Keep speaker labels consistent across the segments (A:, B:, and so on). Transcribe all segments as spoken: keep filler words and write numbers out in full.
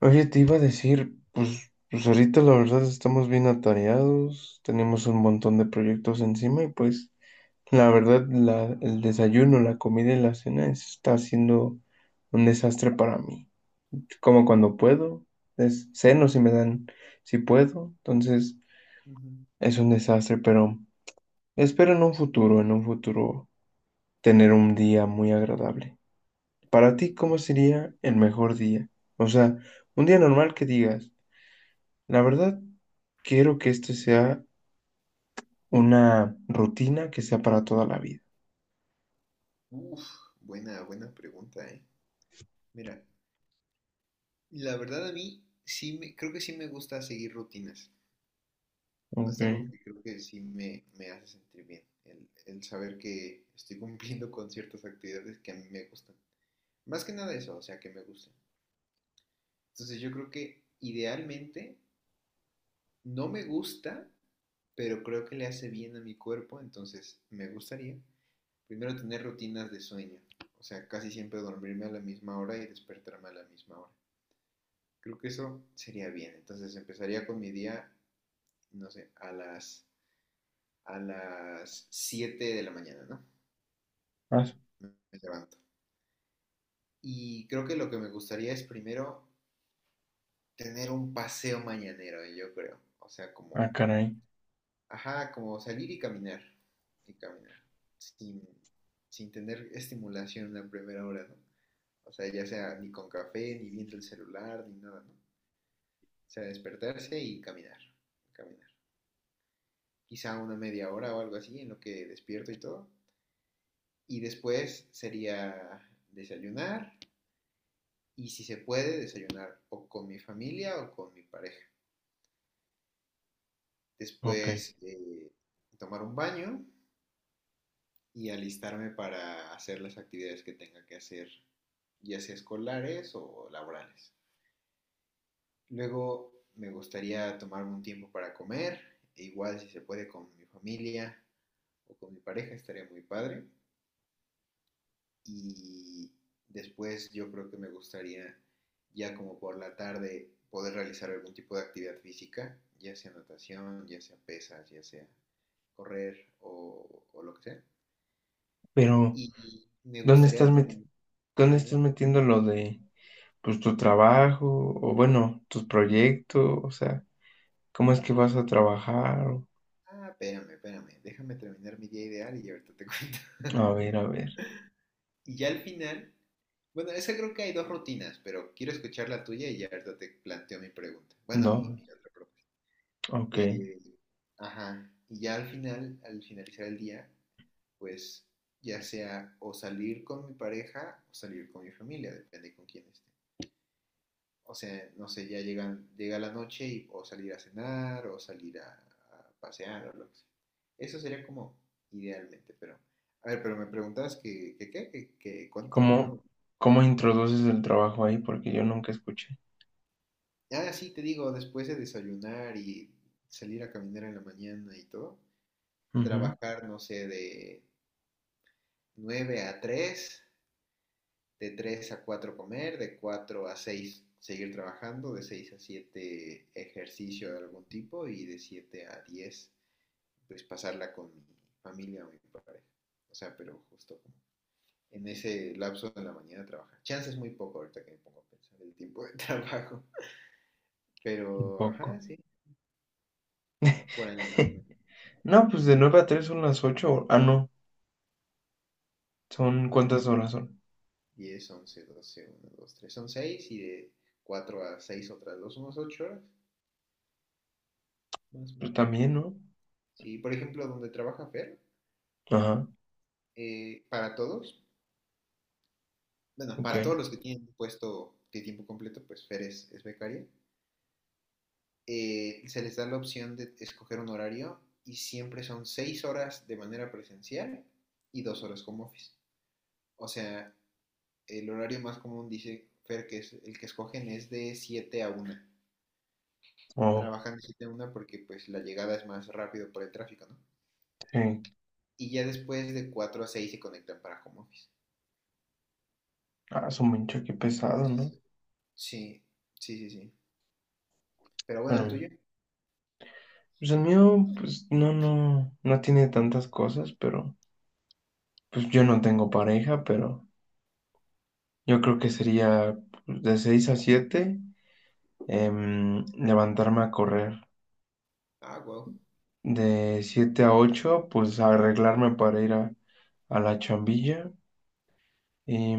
A: Oye, te iba a decir, pues, pues ahorita la verdad estamos bien atareados, tenemos un montón de proyectos encima y pues la verdad la, el desayuno, la comida y la cena está siendo un desastre para mí. Como cuando puedo, es ceno si me dan, si puedo, entonces
B: Ujú.
A: es un desastre, pero espero en un futuro, en un futuro tener un día muy agradable. Para ti, ¿cómo sería el mejor día? O sea, un día normal que digas. La verdad, quiero que esto sea una rutina que sea para toda la vida.
B: Uf, buena, buena pregunta, ¿eh? Mira, la verdad a mí sí me, creo que sí me gusta seguir rutinas.
A: Ok.
B: Es algo que creo que sí me, me hace sentir bien, el, el saber que estoy cumpliendo con ciertas actividades que a mí me gustan. Más que nada eso, o sea, que me gustan. Entonces yo creo que idealmente no me gusta, pero creo que le hace bien a mi cuerpo, entonces me gustaría primero tener rutinas de sueño. O sea, casi siempre dormirme a la misma hora y despertarme a la misma hora. Creo que eso sería bien. Entonces empezaría con mi día, no sé, a las, a las siete de la mañana, ¿no?
A: Ah, su-
B: Me me levanto. Y creo que lo que me gustaría es primero tener un paseo mañanero, eh, yo creo. O sea,
A: ah,
B: como,
A: caray.
B: ajá, como salir y caminar. Y caminar. Sin, sin tener estimulación en la primera hora, ¿no? O sea, ya sea ni con café, ni viendo el celular, ni nada, ¿no? O sea, despertarse y caminar. Caminar. Quizá una media hora o algo así en lo que despierto y todo. Y después sería desayunar y si se puede desayunar o con mi familia o con mi pareja.
A: Ok.
B: Después eh, tomar un baño y alistarme para hacer las actividades que tenga que hacer, ya sea escolares o laborales. Luego me gustaría tomarme un tiempo para comer, e igual si se puede con mi familia o con mi pareja estaría muy padre. Y después yo creo que me gustaría ya como por la tarde poder realizar algún tipo de actividad física, ya sea natación, ya sea pesas, ya sea correr o, o lo que sea.
A: Pero,
B: Y me
A: ¿dónde
B: gustaría
A: estás meti-
B: terminar...
A: ¿dónde
B: Ajá,
A: estás
B: dime.
A: metiendo lo de, pues, tu trabajo o, bueno, tus proyectos? O sea, ¿cómo es que vas a trabajar? O...
B: Ah, espérame, espérame. Déjame terminar mi día ideal y ahorita te cuento.
A: A ver, a ver.
B: Y ya al final, bueno, esa creo que hay dos rutinas, pero quiero escuchar la tuya y ya ahorita te planteo mi pregunta. Bueno, mi,
A: No.
B: mi otra propuesta.
A: Ok.
B: Eh, ajá. Y ya al final, al finalizar el día, pues ya sea o salir con mi pareja o salir con mi familia, depende con quién esté. O sea, no sé, ya llegan, llega la noche y o salir a cenar o salir a, a pasear o lo que sea. Eso sería como idealmente, pero... A ver, pero me preguntabas que, que, qué, que, que cuándo trabajaba.
A: ¿Cómo, ¿cómo introduces el trabajo ahí? Porque yo nunca escuché.
B: Ah, sí, te digo, después de desayunar y salir a caminar en la mañana y todo,
A: Ujú.
B: trabajar, no sé, de nueve a tres, de tres a cuatro comer, de cuatro a seis seguir trabajando, de seis a siete ejercicio de algún tipo y de siete a diez pues pasarla con mi familia o mi pareja. O sea, pero justo como en ese lapso de la mañana trabajar. Chance es muy poco ahorita que me pongo a pensar el tiempo de trabajo,
A: Un
B: pero ajá,
A: poco.
B: sí, por ahí más o menos.
A: No, pues de nueve a tres son las ocho. Ah, no. ¿Son cuántas
B: nueve,
A: horas son?
B: diez, once, doce, una, dos, tres, son seis, y de cuatro a seis otras dos, unos ocho horas. Más o
A: Pues
B: menos.
A: también, ¿no?
B: Sí, por ejemplo, donde trabaja Fer,
A: Ajá,
B: eh, para todos, bueno,
A: ok.
B: para todos los que tienen puesto de tiempo completo, pues Fer es, es becaria, eh, se les da la opción de escoger un horario y siempre son seis horas de manera presencial y dos horas como office. O sea, el horario más común, dice Fer, que es el que escogen es de siete a una.
A: Oh,
B: Trabajan de siete a una porque pues la llegada es más rápido por el tráfico, ¿no?
A: sí.
B: Y ya después de cuatro a seis se conectan para home office.
A: Ah, su mancha, qué pesado,
B: Es-
A: ¿no?
B: sí, sí, sí, sí. Pero bueno, el
A: Bueno,
B: tuyo.
A: pues el mío, pues no, no, no tiene tantas cosas, pero pues yo no tengo pareja, pero yo creo que sería pues, de seis a siete em, levantarme a correr.
B: Ah, wow.
A: De siete a ocho pues arreglarme para ir a, a la chambilla. Y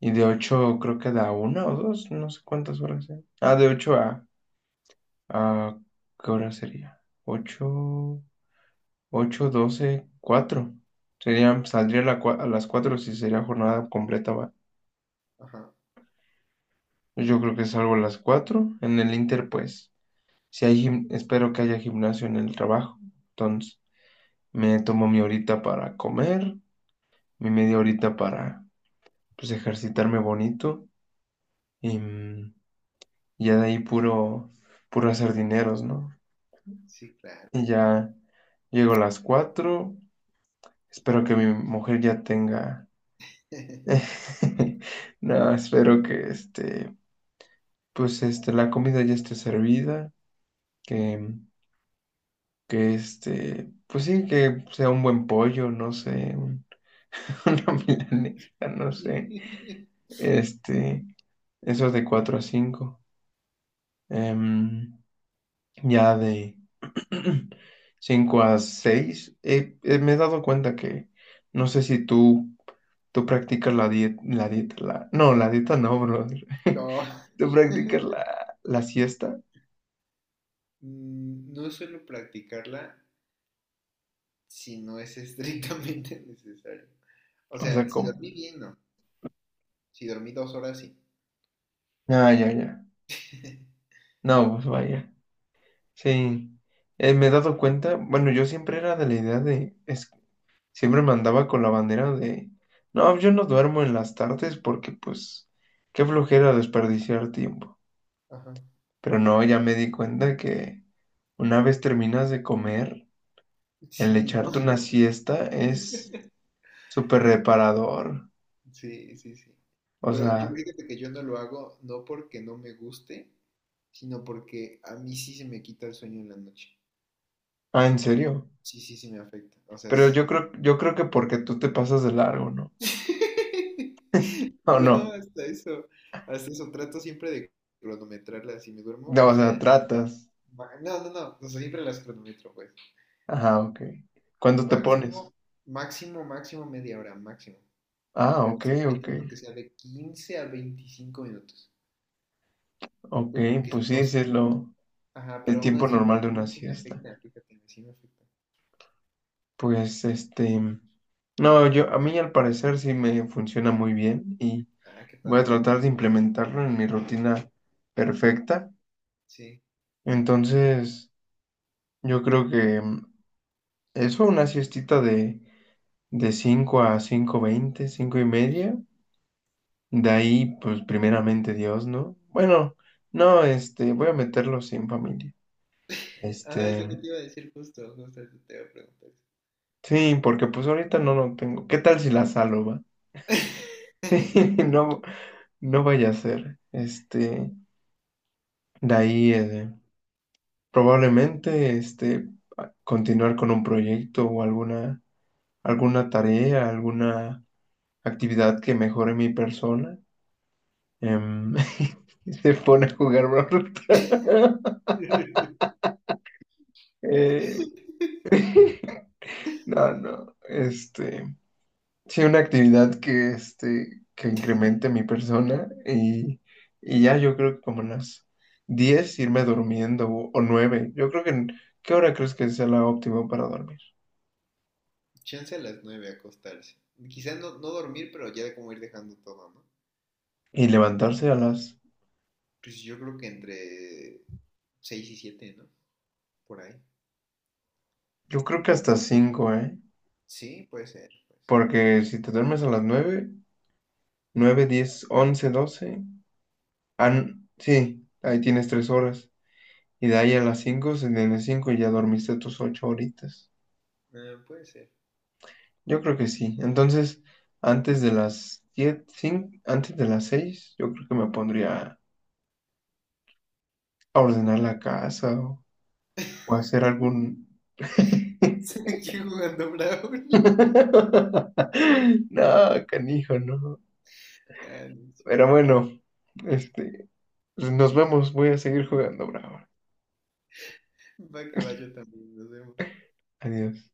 A: Y de ocho creo que da una o dos, no sé cuántas horas sean. Ah, de ocho a, a ¿qué hora sería? Ocho, ocho, doce, cuatro. Serían, saldría a, la cua- a las cuatro si sería jornada completa, va.
B: Ajá.
A: Yo creo que salgo a las cuatro. En el Inter, pues, si hay gim- espero que haya gimnasio en el trabajo. Entonces, me tomo mi horita para comer, mi media horita para, pues, ejercitarme bonito. Y mm, ya de ahí puro, puro hacer dineros, ¿no?
B: Sí, claro.
A: Y ya llego a las cuatro. Espero que mi mujer ya tenga. No, espero que este, pues este, la comida ya esté servida. Que, que este, pues sí, que sea un buen pollo, no sé, un... una milanesa, no sé. Este, eso de cuatro a cinco. Em, ya de cinco a seis eh, eh, me he dado cuenta que no sé si tú. Tú practicas la dieta, la dieta, la... No, la dieta no, brother.
B: No.
A: ¿Tú practicas la, la siesta?
B: Mm, no suelo practicarla si no es estrictamente necesario. O
A: O sea,
B: sea, si
A: ¿cómo?
B: dormí bien, no. Si dormí dos horas, sí.
A: Ah, ya, ya. No, pues vaya. Sí. Eh, me he dado cuenta, bueno, yo siempre era de la idea de, es- siempre me andaba con la bandera de, no, yo no duermo en las tardes porque pues, qué flojera desperdiciar tiempo.
B: Ajá.
A: Pero no, ya me di cuenta que una vez terminas de comer, el
B: Sí, ¿no?
A: echarte una siesta es súper reparador.
B: Sí, sí, sí.
A: O
B: Pero yo
A: sea,
B: fíjate que yo no lo hago no porque no me guste, sino porque a mí sí se me quita el sueño en la noche.
A: ah, ¿en serio?
B: Sí, sí, sí me afecta. O sea,
A: Pero yo creo, yo creo que porque tú te pasas de largo, ¿no? ¿O
B: no,
A: no?
B: hasta eso. Hasta eso. Trato siempre de cronometrarlas. Si me duermo,
A: No,
B: que
A: o sea,
B: sea.
A: tratas.
B: ma- No, no, no. No, siempre las cronometro, pues.
A: Ajá, ok. ¿Cuándo te pones?
B: Máximo, máximo, máximo media hora, máximo.
A: Ah,
B: Pero
A: ok,
B: siempre
A: ok.
B: intento que sea de quince a veinticinco minutos. No,
A: Ok,
B: pero porque si
A: pues
B: no,
A: sí, sí es
B: sí.
A: lo,
B: Ajá,
A: el
B: pero aún
A: tiempo
B: así,
A: normal de
B: me-
A: una
B: aún así me
A: siesta.
B: afecta, fíjate, sí me afecta.
A: Pues este, no, yo, a mí al parecer sí me funciona muy bien y
B: Ah, qué
A: voy a
B: padre.
A: tratar de implementarlo en mi rutina perfecta.
B: Sí.
A: Entonces, yo creo que mm, eso, una siestita de de cinco a cinco veinte, cinco y media. De ahí, pues primeramente Dios, ¿no? Bueno, no, este, voy a meterlo sin familia.
B: Ajá, es lo que
A: Este,
B: te iba a decir justo, justo eso te iba a preguntar.
A: sí, porque pues ahorita no lo tengo. ¿Qué tal si la salo, va? Sí,
B: No creo.
A: no, no vaya a ser. Este, de ahí, eh, probablemente, este, a- continuar con un proyecto o alguna, alguna tarea, alguna actividad que mejore mi persona. Em, y se pone a jugar Brawl Stars. Eh, no, no, este, sí, una actividad que, este, que incremente mi persona y, y ya yo creo que como las diez irme durmiendo o, o nueve, yo creo que, en- ¿qué hora crees que sea la óptima para dormir?
B: Chance a las nueve acostarse. Quizás no, no dormir, pero ya como ir dejando todo, ¿no?
A: Y levantarse a las,
B: Pues yo creo que entre seis y siete, ¿no? Por ahí.
A: yo creo que hasta cinco, ¿eh?
B: Sí, puede ser, puede ser.
A: Porque si te duermes a las nueve, nueve, diez, once, doce, ah, n- sí, ahí tienes tres horas. Y de ahí a las cinco, se- de las cinco ya dormiste tus ocho horitas.
B: Ah, puede ser,
A: Yo
B: puede
A: creo
B: ser.
A: que sí. Entonces, antes de las diez, cin- antes de las seis, yo creo que me pondría a ordenar la casa o, o hacer algún...
B: Aquí jugando Brawl.
A: No, canijo, no.
B: Ah, no, sí.
A: Pero bueno, este, pues nos vemos. Voy a seguir jugando, bravo.
B: Va que va, yo también, nos vemos.
A: Adiós.